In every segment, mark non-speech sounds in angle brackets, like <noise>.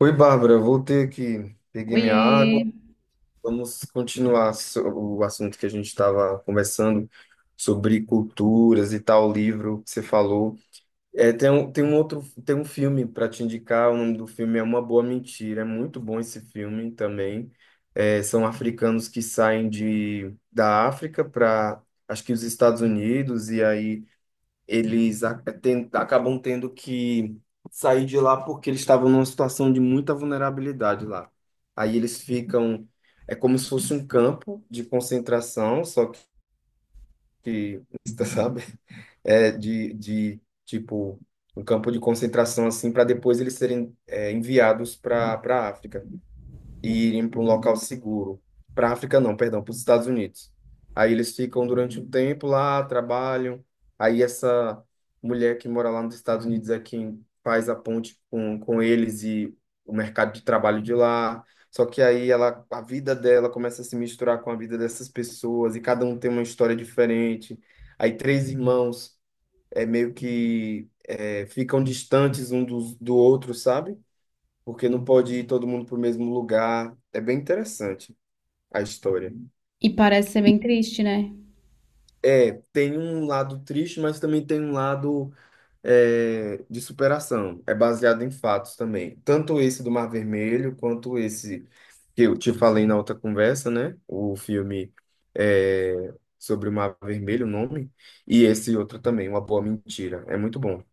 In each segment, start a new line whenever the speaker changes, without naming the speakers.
Oi, Bárbara, eu voltei aqui, peguei minha
Oiê!
água. Vamos continuar o assunto que a gente estava conversando sobre culturas e tal livro que você falou. É, tem um outro, tem um filme para te indicar. O nome do filme é Uma Boa Mentira. É muito bom esse filme também. É, são africanos que saem da África para, acho que os Estados Unidos e aí eles acabam tendo que sair de lá porque eles estavam numa situação de muita vulnerabilidade lá. Aí eles ficam, é como se fosse um campo de concentração, só que, <laughs> sabe, é de tipo um campo de concentração assim para depois eles serem enviados para para África e irem para um local seguro. Para a África, não, perdão, para os Estados Unidos. Aí eles ficam durante um tempo lá, trabalham. Aí essa mulher que mora lá nos Estados Unidos é quem faz a ponte com eles e o mercado de trabalho de lá. Só que aí ela, a vida dela começa a se misturar com a vida dessas pessoas e cada um tem uma história diferente. Aí três irmãos ficam distantes do outro, sabe? Porque não pode ir todo mundo para o mesmo lugar. É bem interessante a história.
E parece ser bem triste, né?
É, tem um lado triste, mas também tem um lado de superação. É baseado em fatos também. Tanto esse do Mar Vermelho, quanto esse que eu te falei na outra conversa, né? O filme é, sobre o Mar Vermelho, o nome. E esse outro também, Uma Boa Mentira. É muito bom.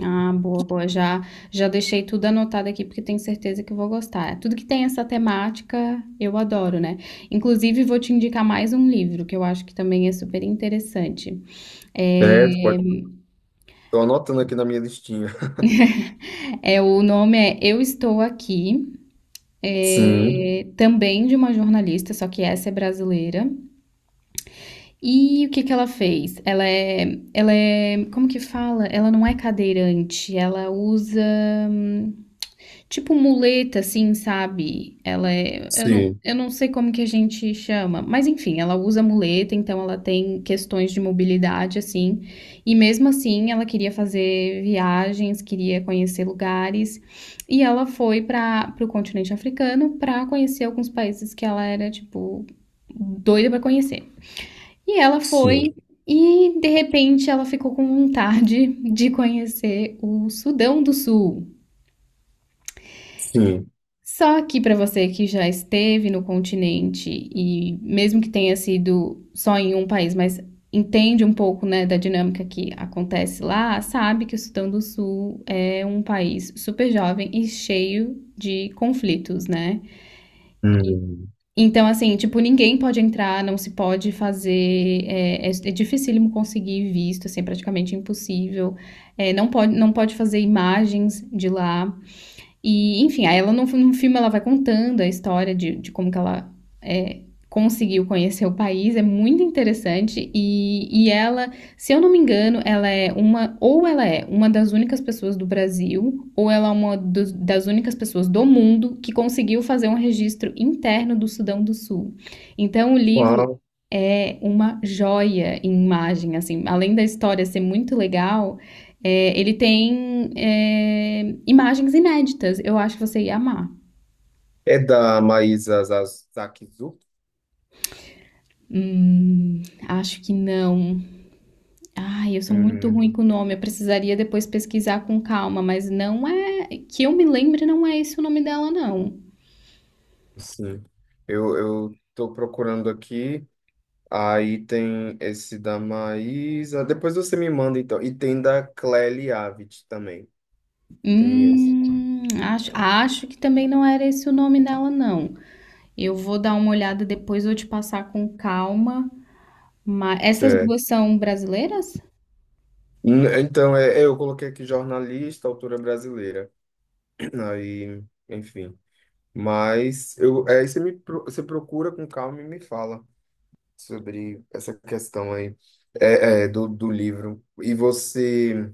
Ah, boa, boa. Já, já deixei tudo anotado aqui porque tenho certeza que vou gostar. Tudo que tem essa temática eu adoro, né? Inclusive, vou te indicar mais um livro que eu acho que também é super interessante. É,
Certo, pode. Estou anotando aqui na minha listinha. <laughs>
o nome é Eu Estou Aqui,
Sim,
também de uma jornalista, só que essa é brasileira. E o que que ela fez? Ela é, como que fala? Ela não é cadeirante, ela usa. Tipo muleta, assim, sabe? Ela é.
sim,
Eu não sei como que a gente chama, mas enfim, ela usa muleta, então ela tem questões de mobilidade, assim. E mesmo assim, ela queria fazer viagens, queria conhecer lugares. E ela foi para o continente africano para conhecer alguns países que ela era, tipo, doida para conhecer. E ela
sim,
foi. E de repente ela ficou com vontade de conhecer o Sudão do Sul.
sim.
Só que para você que já esteve no continente e mesmo que tenha sido só em um país, mas entende um pouco, né, da dinâmica que acontece lá, sabe que o Sudão do Sul é um país super jovem e cheio de conflitos, né?
Hum.
Então, assim, tipo, ninguém pode entrar, não se pode fazer, é dificílimo conseguir visto, assim, é praticamente impossível. É, não pode fazer imagens de lá. E, enfim, aí ela no filme ela vai contando a história de como que ela é, conseguiu conhecer o país, é muito interessante. E ela, se eu não me engano, ela é uma, ou ela é uma das únicas pessoas do Brasil, ou ela é uma das únicas pessoas do mundo que conseguiu fazer um registro interno do Sudão do Sul. Então o livro
Uau.
é uma joia em imagem, assim, além da história ser muito legal. Ele tem imagens inéditas. Eu acho que você ia amar.
É da Maísa Zakizuki?
Hum, acho que não. Ai, eu sou muito
Hum,
ruim com o nome. Eu precisaria depois pesquisar com calma, mas não é. Que eu me lembre, não é esse o nome dela, não.
sim. Eu tô procurando aqui. Aí tem esse da Maísa. Depois você me manda, então. E tem da Clélia Avid também. Tem esse.
Acho que também não era esse o nome dela, não. Eu vou dar uma olhada depois, vou te passar com calma. Mas essas
Certo.
duas são brasileiras?
Então, eu coloquei aqui jornalista, autora brasileira. <clears throat> Aí, enfim. Mas eu, é você me, você procura com calma e me fala sobre essa questão aí do livro. E você.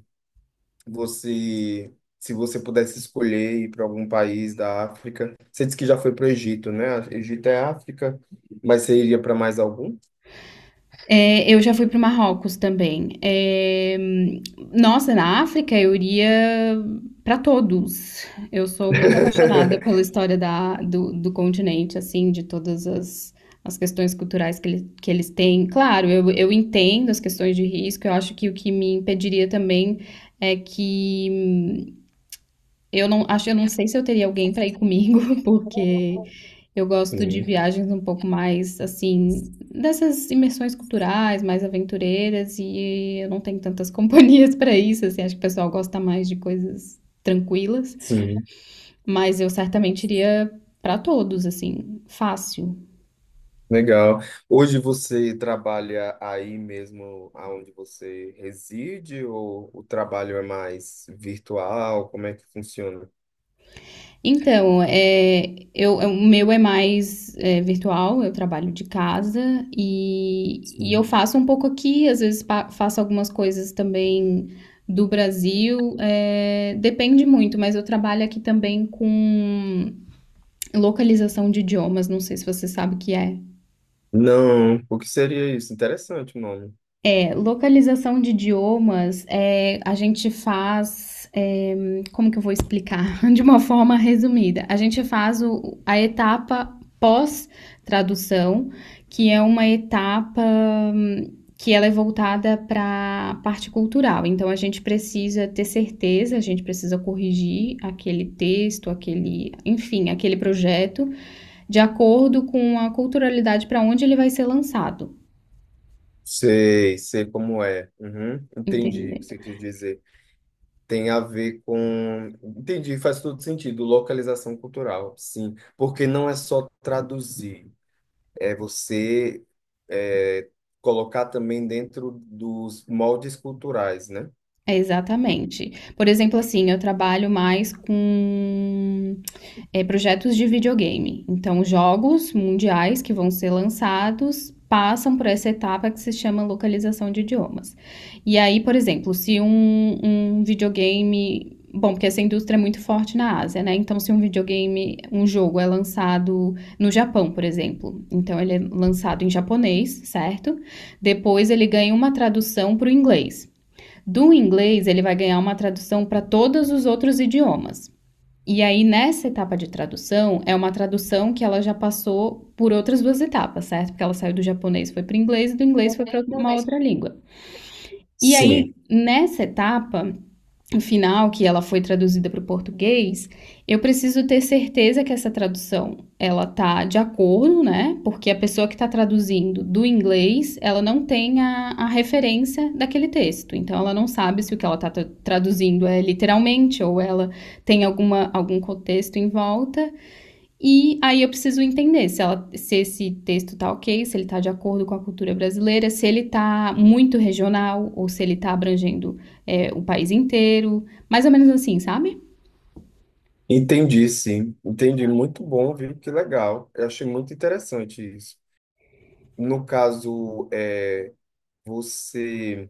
Você, se você pudesse escolher ir para algum país da África, você disse que já foi para o Egito, né? Egito é África, mas você iria para mais algum?
É, eu já fui para o Marrocos também. Eh, nossa, na África eu iria para todos. Eu sou muito apaixonada pela
<laughs>
história do continente, assim, de todas as, as questões culturais que, ele, que eles têm. Claro, eu entendo as questões de risco, eu acho que o que me impediria também é que eu não acho, eu não sei se eu teria alguém para ir comigo, <laughs> porque eu gosto de
Sim,
viagens um pouco mais assim, dessas imersões culturais, mais aventureiras, e eu não tenho tantas <laughs> companhias para isso, assim, acho que o pessoal gosta mais de coisas tranquilas,
sim,
mas eu certamente iria para todos, assim, fácil.
legal. Hoje você trabalha aí mesmo aonde você reside ou o trabalho é mais virtual? Como é que funciona?
Então, o meu é mais virtual, eu trabalho de casa e eu
Sim.
faço um pouco aqui, às vezes faço algumas coisas também do Brasil, é, depende muito, mas eu trabalho aqui também com localização de idiomas, não sei se você sabe o que é.
Não, o que seria isso? Interessante o nome.
É, localização de idiomas, é, a gente faz, é, como que eu vou explicar? <laughs> De uma forma resumida, a gente faz a etapa pós-tradução, que é uma etapa hum, que ela é voltada para a parte cultural. Então, a gente precisa ter certeza, a gente precisa corrigir aquele texto, aquele, enfim, aquele projeto, de acordo com a culturalidade para onde ele vai ser lançado.
Sei, sei como é. Uhum, entendi o que
Entendeu?
você quis dizer. Tem a ver com. Entendi, faz todo sentido. Localização cultural, sim. Porque não é só traduzir, é você é, colocar também dentro dos moldes culturais, né?
Exatamente. Por exemplo, assim, eu trabalho mais com, eh, projetos de videogame. Então, jogos mundiais que vão ser lançados passam por essa etapa que se chama localização de idiomas. E aí, por exemplo, se um videogame. Bom, porque essa indústria é muito forte na Ásia, né? Então, se um videogame, um jogo é lançado no Japão, por exemplo, então ele é lançado em japonês, certo? Depois ele ganha uma tradução para o inglês. Do inglês, ele vai ganhar uma tradução para todos os outros idiomas. E aí, nessa etapa de tradução, é uma tradução que ela já passou por outras duas etapas, certo? Porque ela saiu do japonês, foi para o inglês, e do inglês foi para uma outra língua. E aí,
Sim.
nessa etapa final, que ela foi traduzida para o português, eu preciso ter certeza que essa tradução ela tá de acordo, né? Porque a pessoa que está traduzindo do inglês, ela não tem a referência daquele texto. Então, ela não sabe se o que ela está traduzindo é literalmente ou ela tem alguma, algum contexto em volta. E aí eu preciso entender se, ela, se esse texto tá ok, se ele tá de acordo com a cultura brasileira, se ele tá muito regional ou se ele tá abrangendo o país inteiro, mais ou menos assim, sabe?
Entendi, sim. Entendi. Muito bom, viu? Que legal. Eu achei muito interessante isso. No caso, você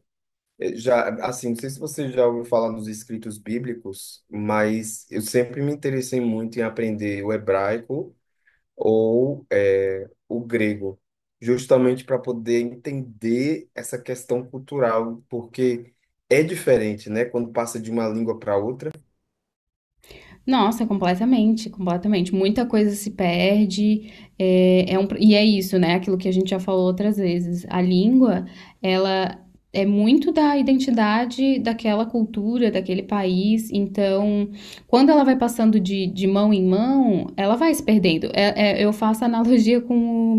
já, assim, não sei se você já ouviu falar nos escritos bíblicos, mas eu sempre me interessei muito em aprender o hebraico ou o grego, justamente para poder entender essa questão cultural, porque é diferente, né? Quando passa de uma língua para outra. <laughs>
Nossa, completamente, completamente. Muita coisa se perde, e é isso, né? Aquilo que a gente já falou outras vezes. A língua, ela é muito da identidade daquela cultura, daquele país. Então, quando ela vai passando de mão em mão, ela vai se perdendo. Eu faço analogia com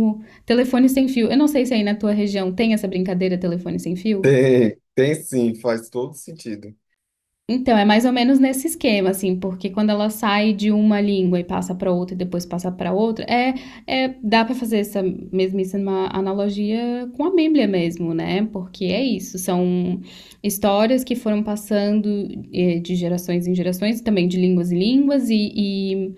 o telefone sem fio. Eu não sei se aí na tua região tem essa brincadeira telefone sem fio.
Tem, tem sim, faz todo sentido.
Então, é mais ou menos nesse esquema, assim, porque quando ela sai de uma língua e passa para outra e depois passa para outra, dá para fazer essa mesmíssima analogia com a Bíblia mesmo, né? Porque é isso, são histórias que foram passando de gerações em gerações, também de línguas em línguas,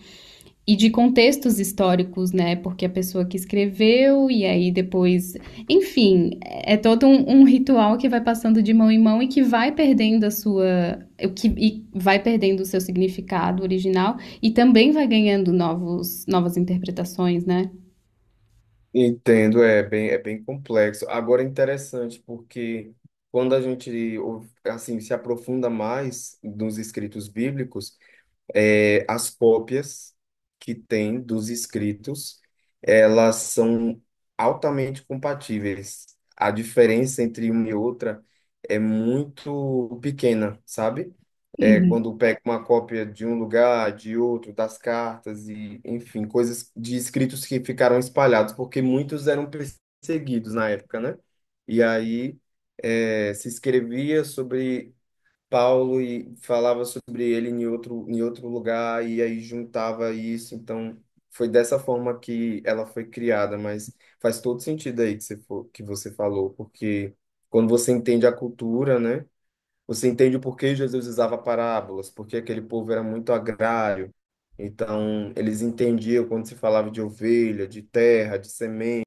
e de contextos históricos, né? Porque a pessoa que escreveu e aí depois, enfim, é todo um ritual que vai passando de mão em mão e que vai perdendo a sua, o que e vai perdendo o seu significado original e também vai ganhando novas interpretações, né?
Entendo, é bem complexo. Agora é interessante, porque quando a gente assim se aprofunda mais nos escritos bíblicos, é, as cópias que tem dos escritos, elas são altamente compatíveis. A diferença entre uma e outra é muito pequena, sabe? É,
Uhum.
quando pega uma cópia de um lugar, de outro, das cartas e, enfim, coisas de escritos que ficaram espalhados, porque muitos eram perseguidos na época, né? E aí, é, se escrevia sobre Paulo e falava sobre ele em outro lugar e aí juntava isso. Então, foi dessa forma que ela foi criada, mas faz todo sentido aí que você, que você falou, porque quando você entende a cultura, né? Você entende o porquê Jesus usava parábolas, porque aquele povo era muito agrário. Então, eles entendiam quando se falava de ovelha, de terra, de semente.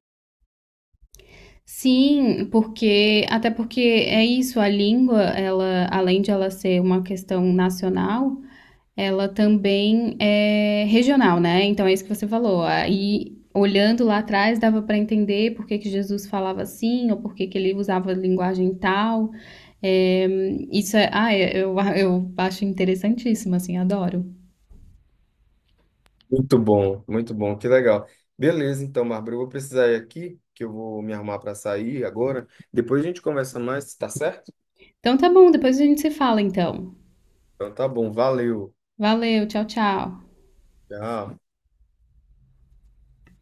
Sim, porque até porque é isso, a língua, ela, além de ela ser uma questão nacional, ela também é regional, né? Então é isso que você falou. Aí, olhando lá atrás, dava para entender por que, que Jesus falava assim, ou por que, que ele usava linguagem tal. É, <laughs> eu acho interessantíssimo, assim, adoro.
Muito bom, que legal. Beleza, então, Bárbara, eu vou precisar ir aqui, que eu vou me arrumar para sair agora. Depois a gente conversa mais, tá certo?
Então tá bom, depois a gente se fala, então.
Então tá bom, valeu.
Valeu, tchau, tchau.
Tchau.